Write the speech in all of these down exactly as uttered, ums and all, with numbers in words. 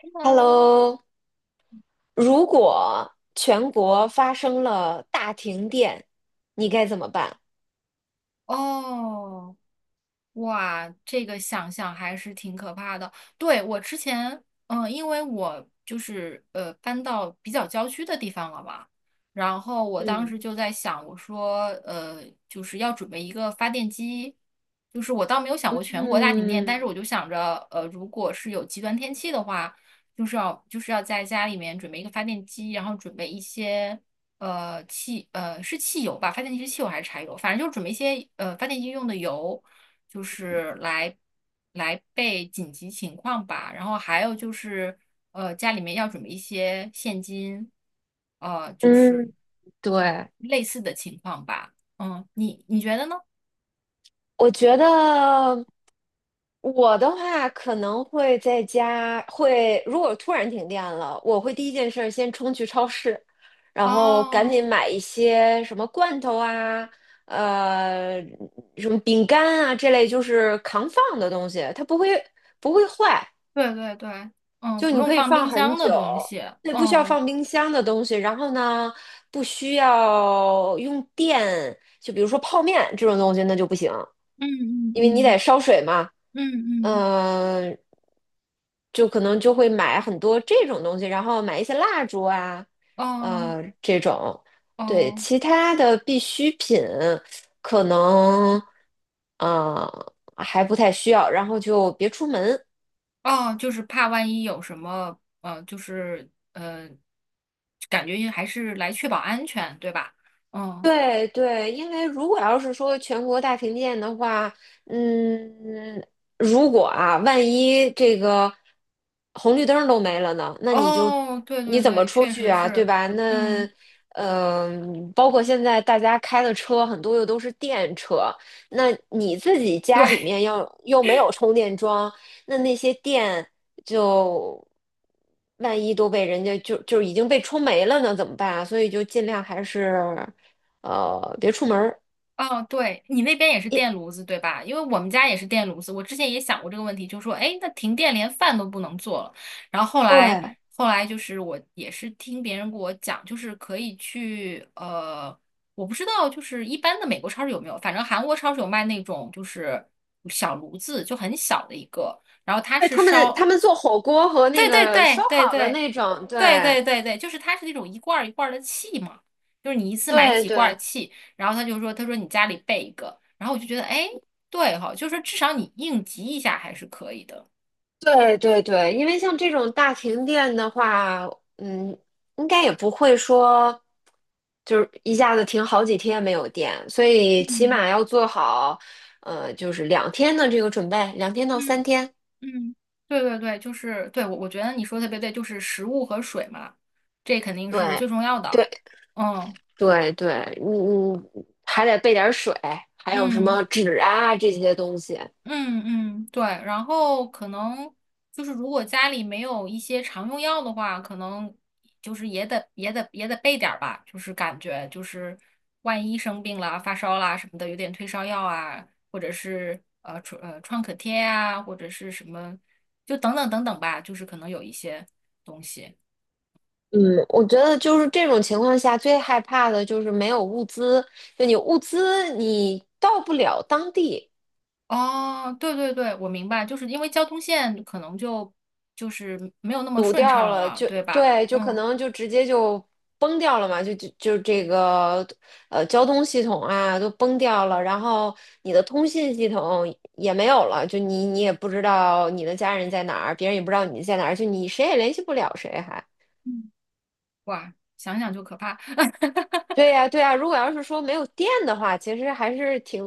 你好。Hello，如果全国发生了大停电，你该怎么办？哦，哇，这个想想还是挺可怕的。对，我之前，嗯、因为我就是呃搬到比较郊区的地方了嘛，然后我当嗯，时就在想，我说呃就是要准备一个发电机。就是我倒没有想过全国大停电，但是嗯我就想着，呃，如果是有极端天气的话，就是要就是要在家里面准备一个发电机，然后准备一些。呃，汽呃是汽油吧？发电机是汽油还是柴油？反正就是准备一些呃发电机用的油，就是来来备紧急情况吧。然后还有就是，呃，家里面要准备一些现金，呃，就是嗯，对，类似的情况吧。嗯，你你觉得呢？我觉得我的话可能会在家，会如果突然停电了，我会第一件事儿先冲去超市，然后赶哦，紧买一些什么罐头啊，呃，什么饼干啊这类就是扛放的东西，它不会不会坏，对对对。嗯，就不你用可以放放冰很箱的久，东西。对，不需要嗯放冰箱的东西。然后呢，不需要用电，就比如说泡面这种东西，那就不行，嗯因为你嗯得烧水嘛。嗯嗯嗯、就可能就会买很多这种东西，然后买一些蜡烛啊，嗯，呃，这种。哦对，哦其他的必需品可能，呃，还不太需要，然后就别出门。哦，就是怕万一有什么，呃，就是呃，感觉还是来确保安全，对吧？嗯。对对，因为如果要是说全国大停电的话，嗯，如果啊，万一这个红绿灯儿都没了呢，那你就哦，对你对怎么对，出确去实啊，对是。吧？那嗯，嗯、包括现在大家开的车很多又都是电车，那你自己家里对。面要又没有充电桩，那那些电就万一都被人家就就已经被充没了呢，怎么办啊？所以就尽量还是。呃，别出门儿。哦，对，你那边也是一，电炉子对吧？因为我们家也是电炉子，我之前也想过这个问题，就说，哎，那停电连饭都不能做了。然后后来，对后来就是我也是听别人给我讲，就是可以去，呃，我不知道，就是一般的美国超市有没有，反正韩国超市有卖那种就是小炉子，就很小的一个，然后它对，是他们他烧，们做火锅和那对对个对烧对烤的对。那种，对对对对对，就是它是那种一罐儿一罐儿的气嘛，就是你一次买对几罐儿对气，然后他就说，他说你家里备一个，然后我就觉得，哎，对哈、就是说至少你应急一下还是可以的。对对对，因为像这种大停电的话，嗯，应该也不会说就是一下子停好几天没有电，所以起嗯码要做好，呃，就是两天的这个准备，两天到三嗯天。嗯，对对对，就是对我我觉得你说的特别对，就是食物和水嘛，这肯定是最对重要的。对嗯对对，嗯嗯，还得备点儿水，还有什嗯。么纸啊这些东西。嗯嗯，对，然后可能就是如果家里没有一些常用药的话，可能就是也得也得也得备点儿吧，就是感觉就是万一生病了、发烧啦什么的，有点退烧药啊，或者是呃创呃创可贴啊，或者是什么，就等等等等吧，就是可能有一些东西。嗯，我觉得就是这种情况下最害怕的就是没有物资，就你物资你到不了当地，哦，对对对，我明白，就是因为交通线可能就就是没有那么堵顺掉畅了了，就对吧？对，就可嗯。能就直接就崩掉了嘛，就就就这个呃交通系统啊都崩掉了，然后你的通信系统也没有了，就你你也不知道你的家人在哪儿，别人也不知道你在哪儿，就你谁也联系不了谁还。嗯，哇，想想就可怕。对呀，对呀，如果要是说没有电的话，其实还是挺，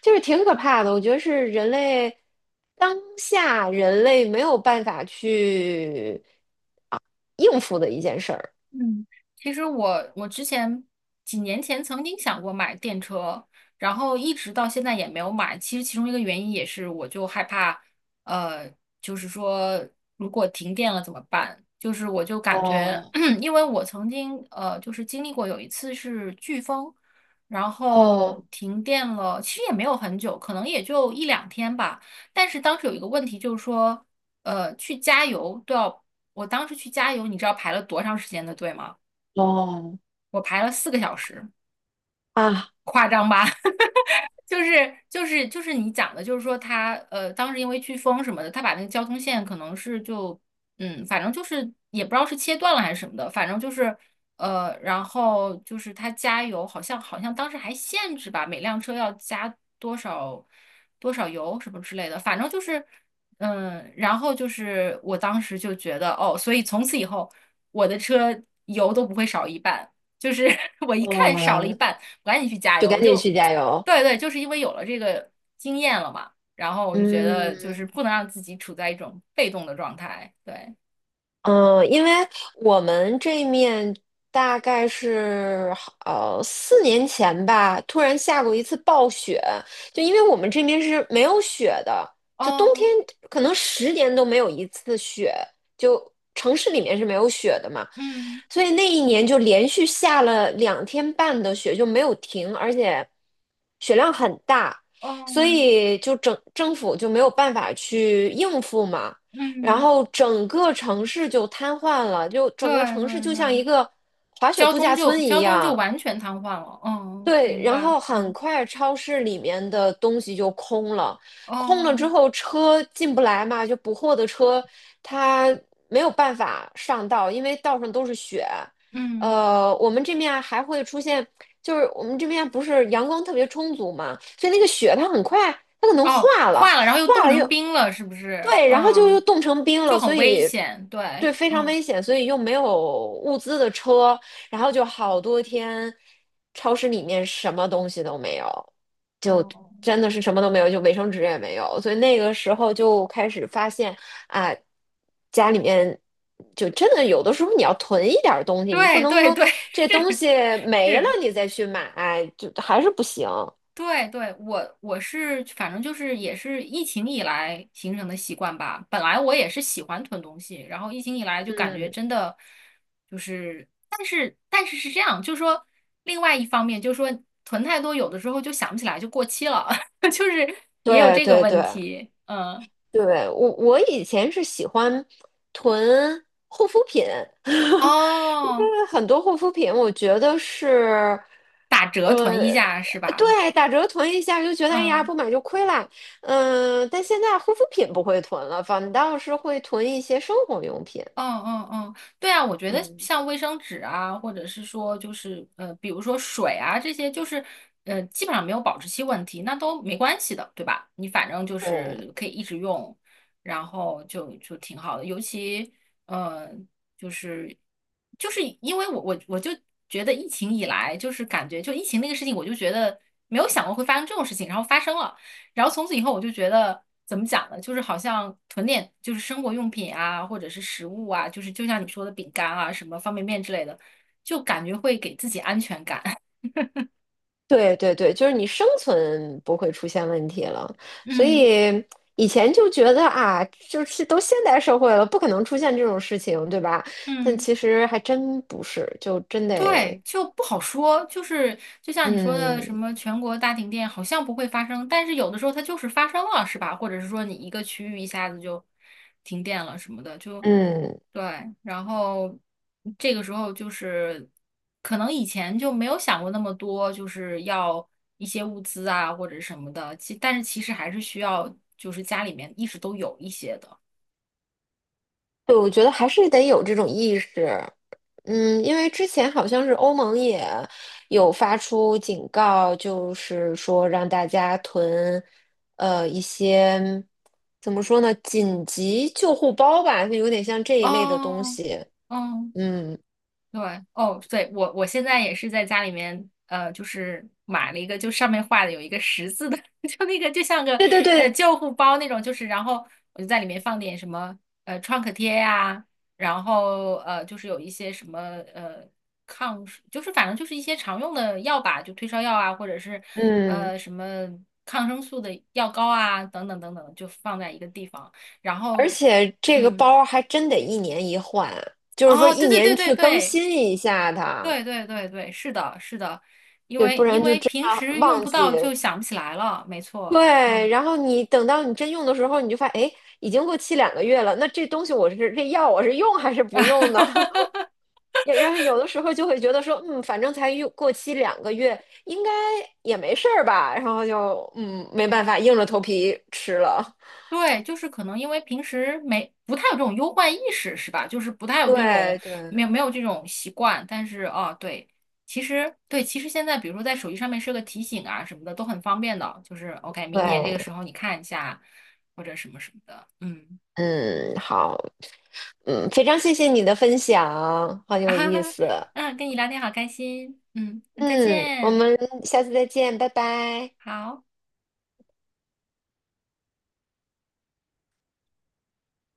就是挺可怕的。我觉得是人类当下人类没有办法去应付的一件事儿嗯，其实我我之前几年前曾经想过买电车，然后一直到现在也没有买。其实其中一个原因也是，我就害怕，呃，就是说如果停电了怎么办？就是我就感觉，哦 因为我曾经呃就是经历过有一次是飓风，然后哦停电了，其实也没有很久，可能也就一两天吧。但是当时有一个问题就是说，呃，去加油都要我当时去加油，你知道排了多长时间的队吗？哦我排了四个小时，啊，夸张吧？就是就是就是你讲的，就是说他呃，当时因为飓风什么的，他把那个交通线可能是就嗯，反正就是也不知道是切断了还是什么的，反正就是呃，然后就是他加油，好像好像当时还限制吧，每辆车要加多少多少油什么之类的，反正就是嗯，然后就是我当时就觉得哦，所以从此以后我的车油都不会少一半，就是 我一看少了一哦，半。赶紧去加就赶油。紧就，去加油。对对，就是因为有了这个经验了嘛，然后我就觉得就是嗯。不能让自己处在一种被动的状态。对。嗯，因为我们这面大概是呃四年前吧，突然下过一次暴雪，就因为我们这边是没有雪的，就冬天哦。可能十年都没有一次雪，就城市里面是没有雪的嘛，嗯。所以那一年就连续下了两天半的雪，就没有停，而且雪量很大，哦。所以就整政府就没有办法去应付嘛。然嗯，后整个城市就瘫痪了，就对整个城市对就像对，一个滑雪交度通假就村一交通就样，完全瘫痪了。嗯，对，明然白。后很嗯。快超市里面的东西就空了，空了之哦。后车进不来嘛，就补货的车它没有办法上道，因为道上都是雪。嗯。呃，我们这面还会出现，就是我们这边不是阳光特别充足嘛，所以那个雪它很快它可能哦，化了，化了，然后又化冻了成又冰了，是不是？对，然后就又嗯，冻成冰就了，很所危以险。对，对非常嗯。危险，所以又没有物资的车，然后就好多天，超市里面什么东西都没有，哦。真的是什么都没有，就卫生纸也没有。所以那个时候就开始发现啊，家里面就真的有的时候你要囤一点儿东西，你不对能对说对。这东西 没了是。你再去买，就还是不行。对对，我我是反正就是也是疫情以来形成的习惯吧。本来我也是喜欢囤东西，然后疫情以来就感觉嗯，真的就是，但是但是是这样，就是说另外一方面就是说囤太多，有的时候就想不起来就过期了，就是也有对这个对对。问题。嗯。对，我我以前是喜欢囤护肤品，因哦，为很多护肤品我觉得是，打折囤一呃，下是吧？对，打折囤一下就觉得哎呀嗯。不买就亏啦，嗯、但现在护肤品不会囤了，反倒是会囤一些生活用品，嗯嗯嗯，对啊，我觉得嗯，像卫生纸啊，或者是说就是呃，比如说水啊这些，就是呃，基本上没有保质期问题，那都没关系的，对吧？你反正就对。是可以一直用，然后就就挺好的。尤其呃，就是就是因为我我我就觉得疫情以来，就是感觉就疫情那个事情，我就觉得没有想过会发生这种事情，然后发生了。然后从此以后，我就觉得怎么讲呢？就是好像囤点就是生活用品啊，或者是食物啊，就是就像你说的饼干啊、什么方便面之类的，就感觉会给自己安全感。对对对，就是你生存不会出现问题了，所嗯以以前就觉得啊，就是都现代社会了，不可能出现这种事情，对吧？但嗯。其实还真不是，就真得，对，就不好说，就是就像你说的，什嗯么全国大停电好像不会发生，但是有的时候它就是发生了，是吧？或者是说你一个区域一下子就停电了什么的，就嗯，对。然后这个时候就是可能以前就没有想过那么多，就是要一些物资啊或者什么的，其但是其实还是需要就是家里面一直都有一些的。对，我觉得还是得有这种意识。嗯，因为之前好像是欧盟也有发出警告，就是说让大家囤，呃，一些怎么说呢，紧急救护包吧，就有点像这一类的东哦。西。哦。嗯，对。哦，对，我我现在也是在家里面，呃，就是买了一个，就上面画的有一个十字的，就那个就像个对对呃对，救护包那种，就是然后我就在里面放点什么呃创可贴呀、然后呃就是有一些什么呃抗，就是反正就是一些常用的药吧，就退烧药啊，或者是嗯，呃什么抗生素的药膏啊，等等等等，就放在一个地方，然而后且这个嗯。包还真得一年一换，就是说哦，一对对对年对去更对。新一下它，对对对对，是的，是的，因对，为不因然就为真平的时用忘不记。到就想不起来了，没错，嗯。对，然后你等到你真用的时候，你就发现，哎，已经过期两个月了。那这东西我是这药我是用还是不用呢？也然后有的时候就会觉得说，嗯，反正才用过期两个月，应该也没事儿吧。然后就嗯，没办法，硬着头皮吃了。对，就是可能因为平时没不太有这种忧患意识，是吧？就是不太有这种对对没有没有这种习惯，但是哦，对，其实对，其实现在比如说在手机上面设个提醒啊什么的都很方便的，就是 OK,明年这个时对，候你看一下或者什么什么的，嗯。嗯，好，嗯，非常谢谢你的分享，很 啊有哈意哈，思。嗯，跟你聊天好开心，嗯，那再嗯，我见。们下次再见，拜拜。好。